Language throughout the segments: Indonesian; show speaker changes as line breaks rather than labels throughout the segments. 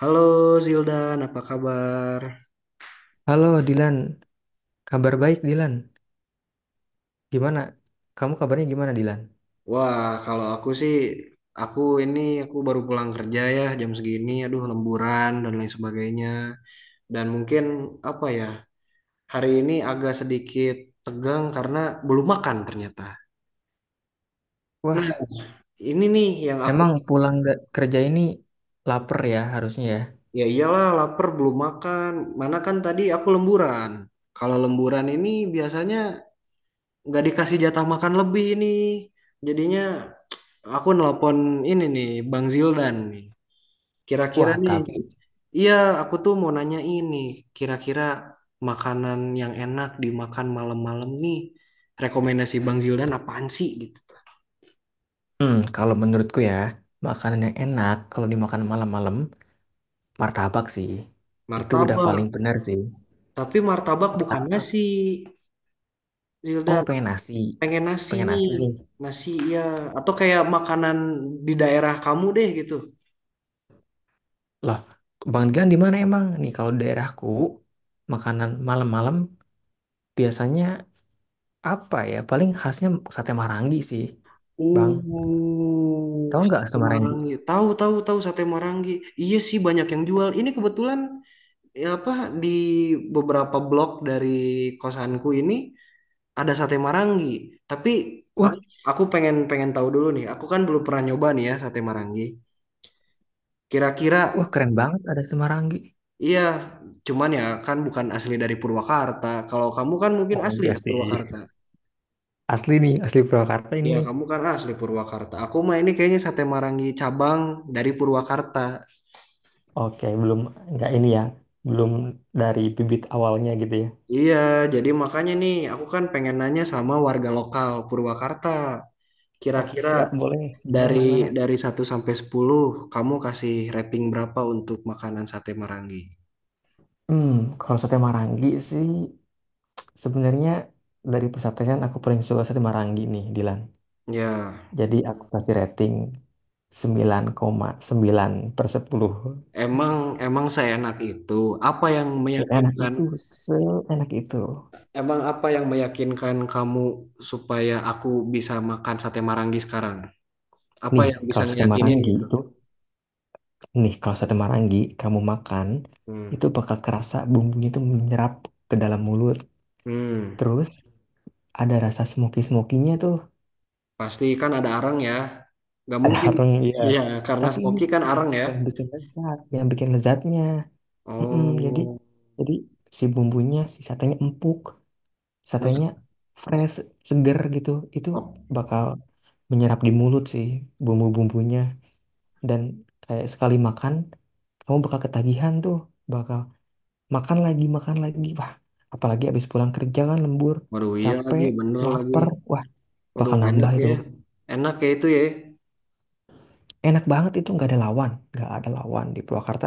Halo Zildan, apa kabar?
Halo Dilan, kabar baik Dilan. Gimana? Kamu kabarnya gimana Dilan?
Wah, kalau aku sih, aku baru pulang kerja ya jam segini, aduh lemburan dan lain sebagainya. Dan mungkin apa ya, hari ini agak sedikit tegang karena belum makan ternyata. Nah,
Wah,
ini nih yang aku,
emang pulang kerja ini lapar ya harusnya ya.
ya iyalah lapar belum makan, mana kan tadi aku lemburan. Kalau lemburan ini biasanya nggak dikasih jatah makan lebih nih. Jadinya aku nelpon ini nih, Bang Zildan nih. Kira-kira
Wah,
nih,
tapi
iya aku tuh mau nanya ini, kira-kira makanan yang enak dimakan malam-malam nih, rekomendasi Bang Zildan apaan sih gitu.
kalau menurutku ya, makanan yang enak kalau dimakan malam-malam, martabak sih. Itu udah
Martabak,
paling benar sih.
tapi martabak bukan
Martabak.
nasi,
Oh,
Zildan.
pengen nasi.
Pengen nasi
Pengen
nih,
nasi nih.
nasi ya, atau kayak makanan di daerah kamu deh gitu.
Loh, Bang Dilan di mana emang? Nih kalau di daerahku, makanan malam-malam biasanya apa ya? Paling khasnya sate marangi sih, Bang. Tahu nggak
Sate
Semaranggi?
Marangi. Tahu, tahu, tahu sate Marangi. Iya sih banyak yang jual. Ini kebetulan ya apa di beberapa blok dari kosanku ini ada sate Marangi. Tapi
Wah,
aku aku pengen pengen tahu dulu nih. Aku kan belum pernah nyoba nih ya sate Marangi. Kira-kira
keren banget ada Semaranggi.
iya, cuman ya kan bukan asli dari Purwakarta. Kalau kamu kan mungkin
Oh
asli
iya
ya
sih.
Purwakarta.
Asli nih, asli Purwakarta ini.
Ya kamu kan asli Purwakarta. Aku mah ini kayaknya sate Marangi cabang dari Purwakarta.
Oke, belum nggak ini ya. Belum dari bibit awalnya gitu ya.
Iya, jadi makanya nih aku kan pengen nanya sama warga lokal Purwakarta.
Oke,
Kira-kira
siap boleh. Gimana
Dari
gimana?
dari 1 sampai 10, kamu kasih rating berapa untuk makanan sate Marangi?
Hmm, kalau sate Marangi sih sebenarnya dari persatean aku paling suka sate Marangi nih, Dilan.
Ya,
Jadi aku kasih rating sembilan koma sembilan per 10.
emang emang seenak itu. Apa yang
Seenak
meyakinkan?
itu, seenak itu.
Emang apa yang meyakinkan kamu supaya aku bisa makan sate Marangi sekarang? Apa
Nih,
yang bisa
kalau sate
ngeyakinin
Marangi
gitu?
itu Nih, kalau sate marangi kamu makan,
Hmm.
itu bakal kerasa bumbunya itu menyerap ke dalam mulut.
Hmm.
Terus ada rasa smoky-smokinya tuh,
Pasti kan ada arang ya. Gak
ada
mungkin.
arang ya.
Iya, karena
Tapi ini
smoky kan
yang,
arang ya.
yang bikin lezat, yang bikin lezatnya. Mm-mm, jadi
Oh.
jadi si bumbunya, si satenya empuk,
Nah,
satenya fresh, seger gitu. Itu
oh.
bakal menyerap di mulut sih, bumbu-bumbunya, dan kayak sekali makan kamu bakal ketagihan tuh, bakal makan lagi, makan lagi. Wah, apalagi habis pulang kerja kan lembur,
Waduh, iya
capek,
lagi, bener lagi.
lapar, wah
Waduh,
bakal
enak
nambah itu.
ya. Enak ya itu ya.
Enak banget itu, nggak ada lawan, nggak ada lawan di Purwakarta,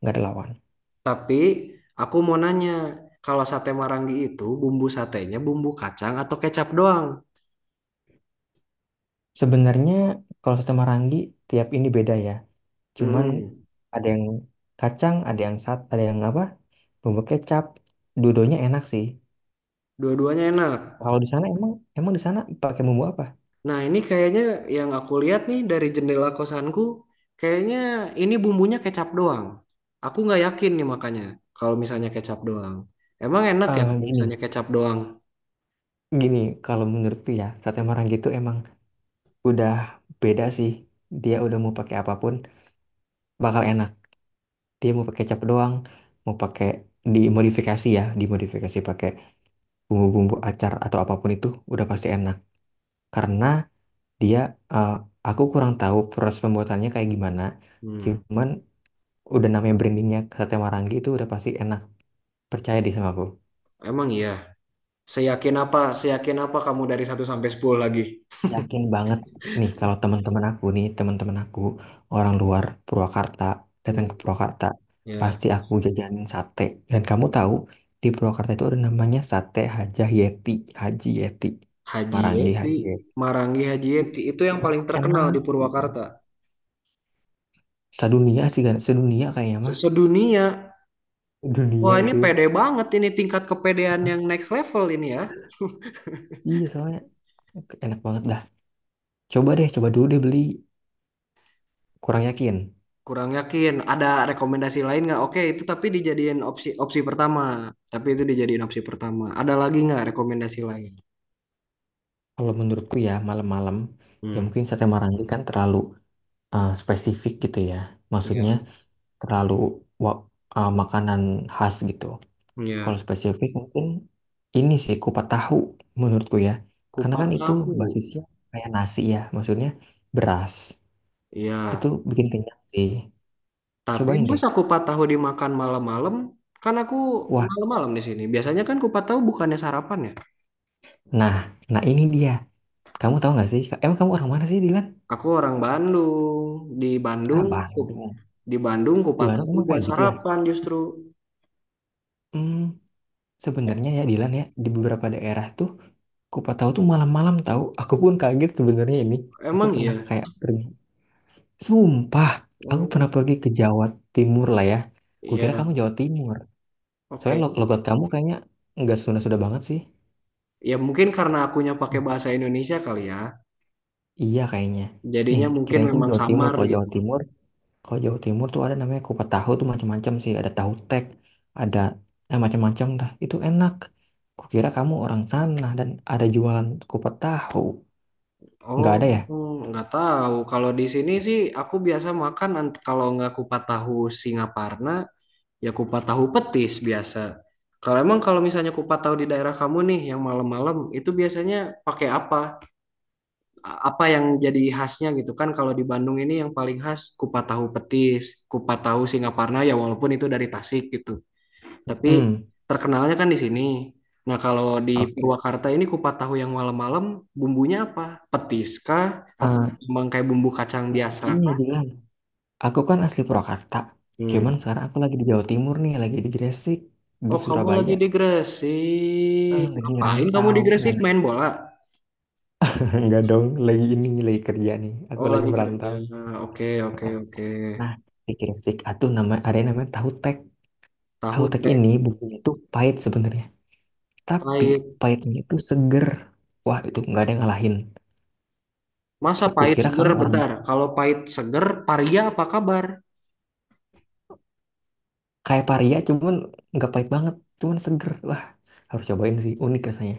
nggak ada lawan.
Tapi aku mau nanya, kalau sate Marangi itu bumbu satenya bumbu kacang atau kecap doang?
Sebenarnya kalau soto Marangi tiap ini beda ya, cuman
Mm-mm.
ada yang kacang, ada yang sat, ada yang apa, bumbu kecap dudonya enak sih.
Dua-duanya enak.
Kalau di sana emang, di sana pakai bumbu apa.
Nah, ini kayaknya yang aku lihat nih dari jendela kosanku, kayaknya ini bumbunya kecap doang. Aku nggak yakin nih makanya kalau misalnya kecap doang. Emang enak ya
Eh
kalau
gini
misalnya kecap doang?
gini kalau menurutku ya sate Marangi itu emang udah beda sih, dia udah mau pakai apapun bakal enak. Dia mau pakai kecap doang, mau pakai dimodifikasi ya, dimodifikasi pakai bumbu-bumbu acar atau apapun itu udah pasti enak. Karena dia eh, aku kurang tahu proses pembuatannya kayak gimana.
Hmm,
Cuman udah namanya brandingnya sate Marangi itu udah pasti enak. Percaya deh sama aku.
emang iya. Seyakin apa kamu dari 1 sampai 10 lagi?
Yakin banget nih kalau teman-teman aku orang luar Purwakarta
Hmm,
datang ke Purwakarta,
ya.
pasti aku jajanin sate. Dan kamu tahu di Purwakarta itu ada namanya sate Haji Yeti, Haji Yeti,
Haji
Marangi
Yeti,
Haji Yeti.
Marangi Haji
Uh,
Yeti itu
Itu
yang
mah
paling terkenal
enak
di
pisan.
Purwakarta.
Sedunia sih, kan? Sedunia kayaknya mah.
Sedunia. Wah,
Dunia
ini
itu.
pede banget ini tingkat kepedean yang next level ini ya.
Iya soalnya enak banget dah. Coba deh, coba dulu deh beli. Kurang yakin.
Kurang yakin. Ada rekomendasi lain nggak? Oke, itu tapi dijadiin opsi opsi pertama. Tapi itu dijadiin opsi pertama. Ada lagi nggak rekomendasi lain?
Kalau menurutku ya malam-malam, ya
Hmm,
mungkin sate Marangi kan terlalu spesifik gitu ya. Maksudnya
iya.
terlalu wa- makanan khas gitu.
Iya.
Kalau spesifik mungkin ini sih kupat tahu menurutku ya. Karena
Kupat
kan itu
tahu.
basisnya kayak nasi ya, maksudnya beras.
Iya.
Itu bikin kenyang sih.
Tapi
Cobain deh.
masa kupat tahu dimakan malam-malam? Kan aku
Wah,
malam-malam di sini. Biasanya kan kupat tahu bukannya sarapan ya?
nah, nah ini dia. Kamu tahu nggak sih? Emang kamu orang mana sih, Dilan?
Aku orang Bandung. Di
Ah,
Bandung, ku,
Bandung.
di Bandung
Di Bandung
kupataku
emang
buat
kayak gitu ya.
sarapan justru.
Hmm,
E-
sebenarnya ya, Dilan ya, di beberapa daerah tuh kupat tahu tuh malam-malam tahu. Aku pun kaget sebenarnya ini. Aku
Emang
pernah
iya?
kayak pergi. Sumpah, aku pernah
Oh,
pergi ke Jawa Timur lah ya. Kukira kamu
iya.
Jawa Timur. Soalnya
Oke.
logat kamu kayaknya nggak Sunda-Sunda banget sih.
Ya mungkin karena akunya pakai
Hmm,
bahasa Indonesia kali ya.
iya kayaknya. Nih,
Jadinya mungkin
kirain kamu
memang
Jawa Timur.
samar gitu.
Kalau Jawa Timur tuh ada namanya kupat tahu tuh macam-macam sih. Ada tahu tek, ada macam-macam dah. Itu enak. Kukira kamu orang sana dan ada jualan kupat tahu.
Oh,
Nggak ada ya?
nggak tahu. Kalau di sini sih aku biasa kalau nggak kupat tahu Singaparna, ya kupat tahu petis biasa. Kalau emang kalau misalnya kupat tahu di daerah kamu nih yang malam-malam itu biasanya pakai apa? Apa yang jadi khasnya gitu kan kalau di Bandung ini yang paling khas kupat tahu petis, kupat tahu Singaparna ya walaupun itu dari Tasik gitu. Tapi
Hmm.
terkenalnya kan di sini. Nah, kalau di
Oke.
Purwakarta ini kupat tahu yang malam-malam bumbunya apa? Petis kah atau
Ah,
memang kayak bumbu kacang biasa?
ini dia. Aku kan asli Purwakarta. Cuman
Hmm.
sekarang aku lagi di Jawa Timur nih, lagi di Gresik, di
Oh, kamu lagi
Surabaya.
di Gresik.
Eh, lagi
Ngapain kamu
ngerantau.
di
Nah,
Gresik main bola?
enggak dong, lagi ini, lagi kerja nih. Aku
Oh,
lagi
lagi kerja.
merantau.
Oke, oke,
Heeh.
oke.
Nah, di Gresik atau nama ada yang namanya tahu tek.
Tahu
Tahu tek
teh
ini bumbunya tuh pahit sebenarnya, tapi
pahit.
pahitnya itu seger. Wah, itu nggak ada yang ngalahin.
Masa pahit
Kukira
seger
kamu orang
bentar. Kalau pahit seger, paria apa kabar?
kayak paria, cuman nggak pahit banget, cuman seger. Wah, harus cobain sih, unik rasanya.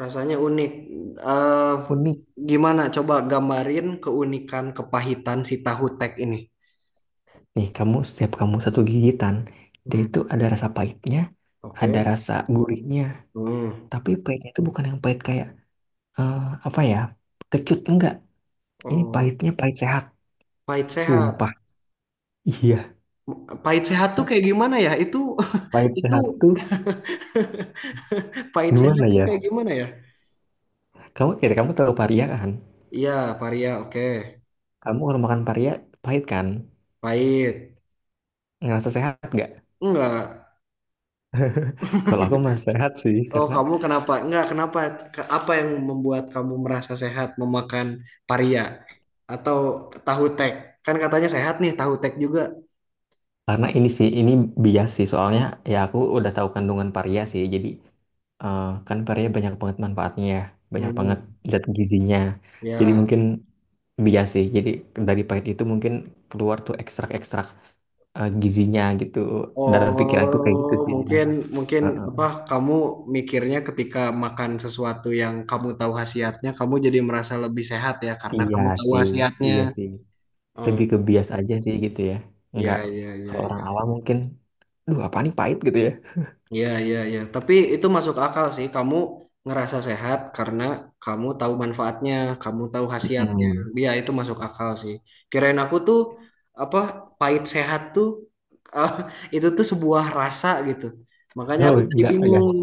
Rasanya unik. eh
Unik.
Gimana? Coba gambarin keunikan kepahitan si tahu tek ini.
Nih, kamu setiap kamu satu gigitan, dia
Hmm,
itu ada rasa pahitnya, ada
oke.
rasa gurihnya.
Hmm.
Tapi pahitnya itu bukan yang pahit kayak eh, apa ya? Kecut enggak. Ini
Oh,
pahitnya pahit sehat.
pahit sehat.
Sumpah. Iya,
Pahit sehat tuh kayak gimana ya? Itu
pahit
itu
sehat tuh
pahit sehat
gimana
tuh
ya?
kayak gimana ya?
Kamu kira kamu tahu paria kan?
Iya, paria. Oke.
Kamu kalau makan paria pahit kan?
Pahit.
Ngerasa sehat nggak?
Enggak.
Kalau aku merasa sehat sih
Oh,
karena
kamu kenapa? Enggak, kenapa? Apa yang membuat kamu merasa sehat memakan paria atau tahu tek? Kan katanya sehat nih, tahu tek juga.
ini sih ini bias sih soalnya ya aku udah tahu kandungan paria sih. Jadi kan parea banyak banget manfaatnya ya, banyak banget
Hmm,
zat gizinya. Jadi
ya.
mungkin bias sih. Jadi dari pahit itu mungkin keluar tuh ekstrak-ekstrak gizinya gitu. Dalam pikiranku kayak gitu
Oh,
sih Dilan.
mungkin mungkin apa
Heeh.
kamu mikirnya ketika makan sesuatu yang kamu tahu khasiatnya, kamu jadi merasa lebih sehat ya karena
Iya
kamu tahu
sih,
khasiatnya.
iya sih. Lebih
Oh,
ke bias aja sih gitu ya.
iya
Enggak
iya iya.
kalau orang
iya.
awam mungkin, duh apa nih pahit gitu ya.
Iya, iya, iya. Tapi itu masuk akal sih. Kamu ngerasa sehat karena kamu tahu manfaatnya, kamu tahu khasiatnya.
Mm.
Iya, itu masuk akal sih. Kirain aku tuh apa pahit sehat tuh ah, itu tuh sebuah rasa gitu. Makanya
Oh,
aku tadi
enggak ya.
bingung.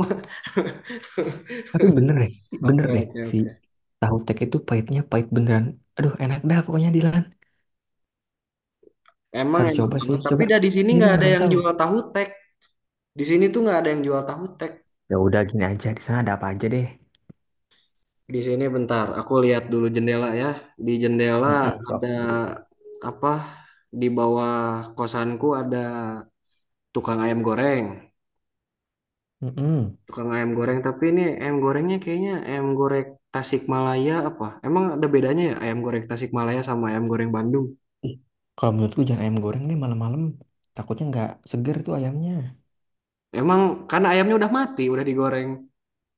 Tapi bener
Oke,
deh
oke,
si
oke.
tahu tek itu pahitnya pahit beneran. Aduh, enak dah pokoknya Dilan.
Emang
Harus
enak banget. Tapi
coba
dah di sini
sih itu
nggak ada yang
ngerantau.
jual tahu tek. Di sini tuh nggak ada yang jual tahu tek.
Ya udah gini aja, di sana ada apa aja deh.
Di sini bentar, aku lihat dulu jendela ya. Di jendela
Mm-mm,
ada
sok dulu.
apa? Di bawah kosanku ada tukang ayam goreng.
Mm-mm.
Tukang ayam goreng, tapi ini ayam gorengnya kayaknya ayam goreng Tasikmalaya apa? Emang ada bedanya ya ayam goreng Tasikmalaya sama ayam goreng Bandung?
Ih, kalau menurutku jangan ayam goreng deh malam-malam. Takutnya nggak seger tuh ayamnya.
Emang karena ayamnya udah mati, udah digoreng.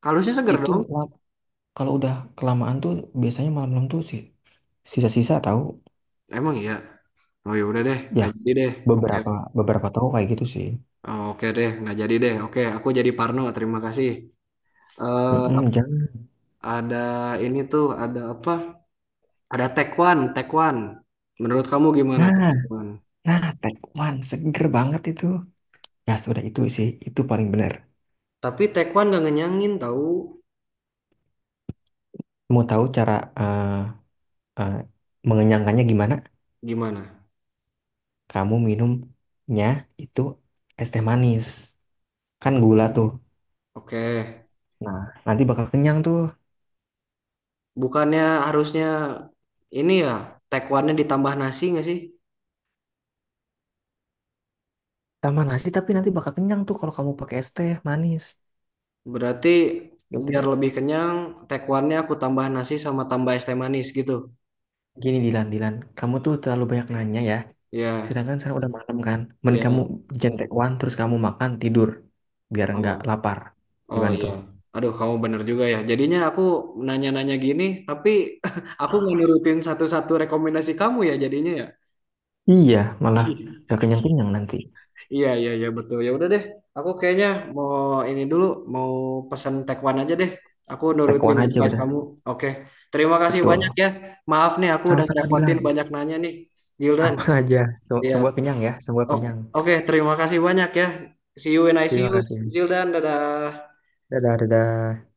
Kalusnya seger
Itu
dong.
kalau udah kelamaan tuh biasanya malam-malam tuh sih sisa-sisa tahu.
Emang iya. Oh ya udah deh,
Ya
nggak jadi deh. Oke,
beberapa beberapa tahu kayak gitu sih.
oh, oke deh, nggak jadi deh. Oke, aku jadi Parno. Terima kasih. Eh
Mm-mm, jangan.
ada ini tuh, ada apa? Ada Taekwon, Taekwon. Menurut kamu gimana tuh
Nah,
Taekwon?
nah, tekwan seger banget itu. Ya sudah itu sih, itu paling benar.
Tapi Taekwon gak ngenyangin tahu
Mau tahu cara eh, eh, mengenyangkannya gimana?
gimana?
Kamu minumnya itu es teh manis, kan gula tuh.
Oke,
Nah, nanti bakal kenyang tuh.
bukannya harusnya ini ya Taekwonnya ditambah nasi nggak sih?
Sama nasi, tapi nanti bakal kenyang tuh kalau kamu pakai es teh manis.
Berarti
Ya udah
biar
deh,
lebih kenyang, Taekwonnya aku tambah nasi sama tambah es teh manis gitu.
gini Dilan, kamu tuh terlalu banyak nanya ya,
Ya,
sedangkan sekarang udah malam kan. Mending kamu
ya.
jentewan terus kamu makan tidur biar nggak
Oh,
lapar.
oh
Gimana
ya.
tuh?
Aduh, kamu bener juga ya. Jadinya aku nanya-nanya gini, tapi aku nggak nurutin satu-satu rekomendasi kamu ya jadinya ya.
Iya, malah nggak kenyang kenyang nanti.
Iya, iya, iya, betul. Ya udah deh, aku kayaknya mau ini dulu, mau pesan tekwan aja deh. Aku nurutin
Tekwan aja
advice
udah,
kamu. Oke, terima kasih banyak
betul.
ya. Maaf nih, aku udah
Sama-sama
ngerepotin
Dilan,
banyak nanya nih, Zildan.
aman aja.
Iya,
Semua kenyang ya, semua
oke,
kenyang.
oke, terima kasih banyak ya. See you when I see
Terima
you,
kasih.
Zildan. Dadah.
Dadah, dadah.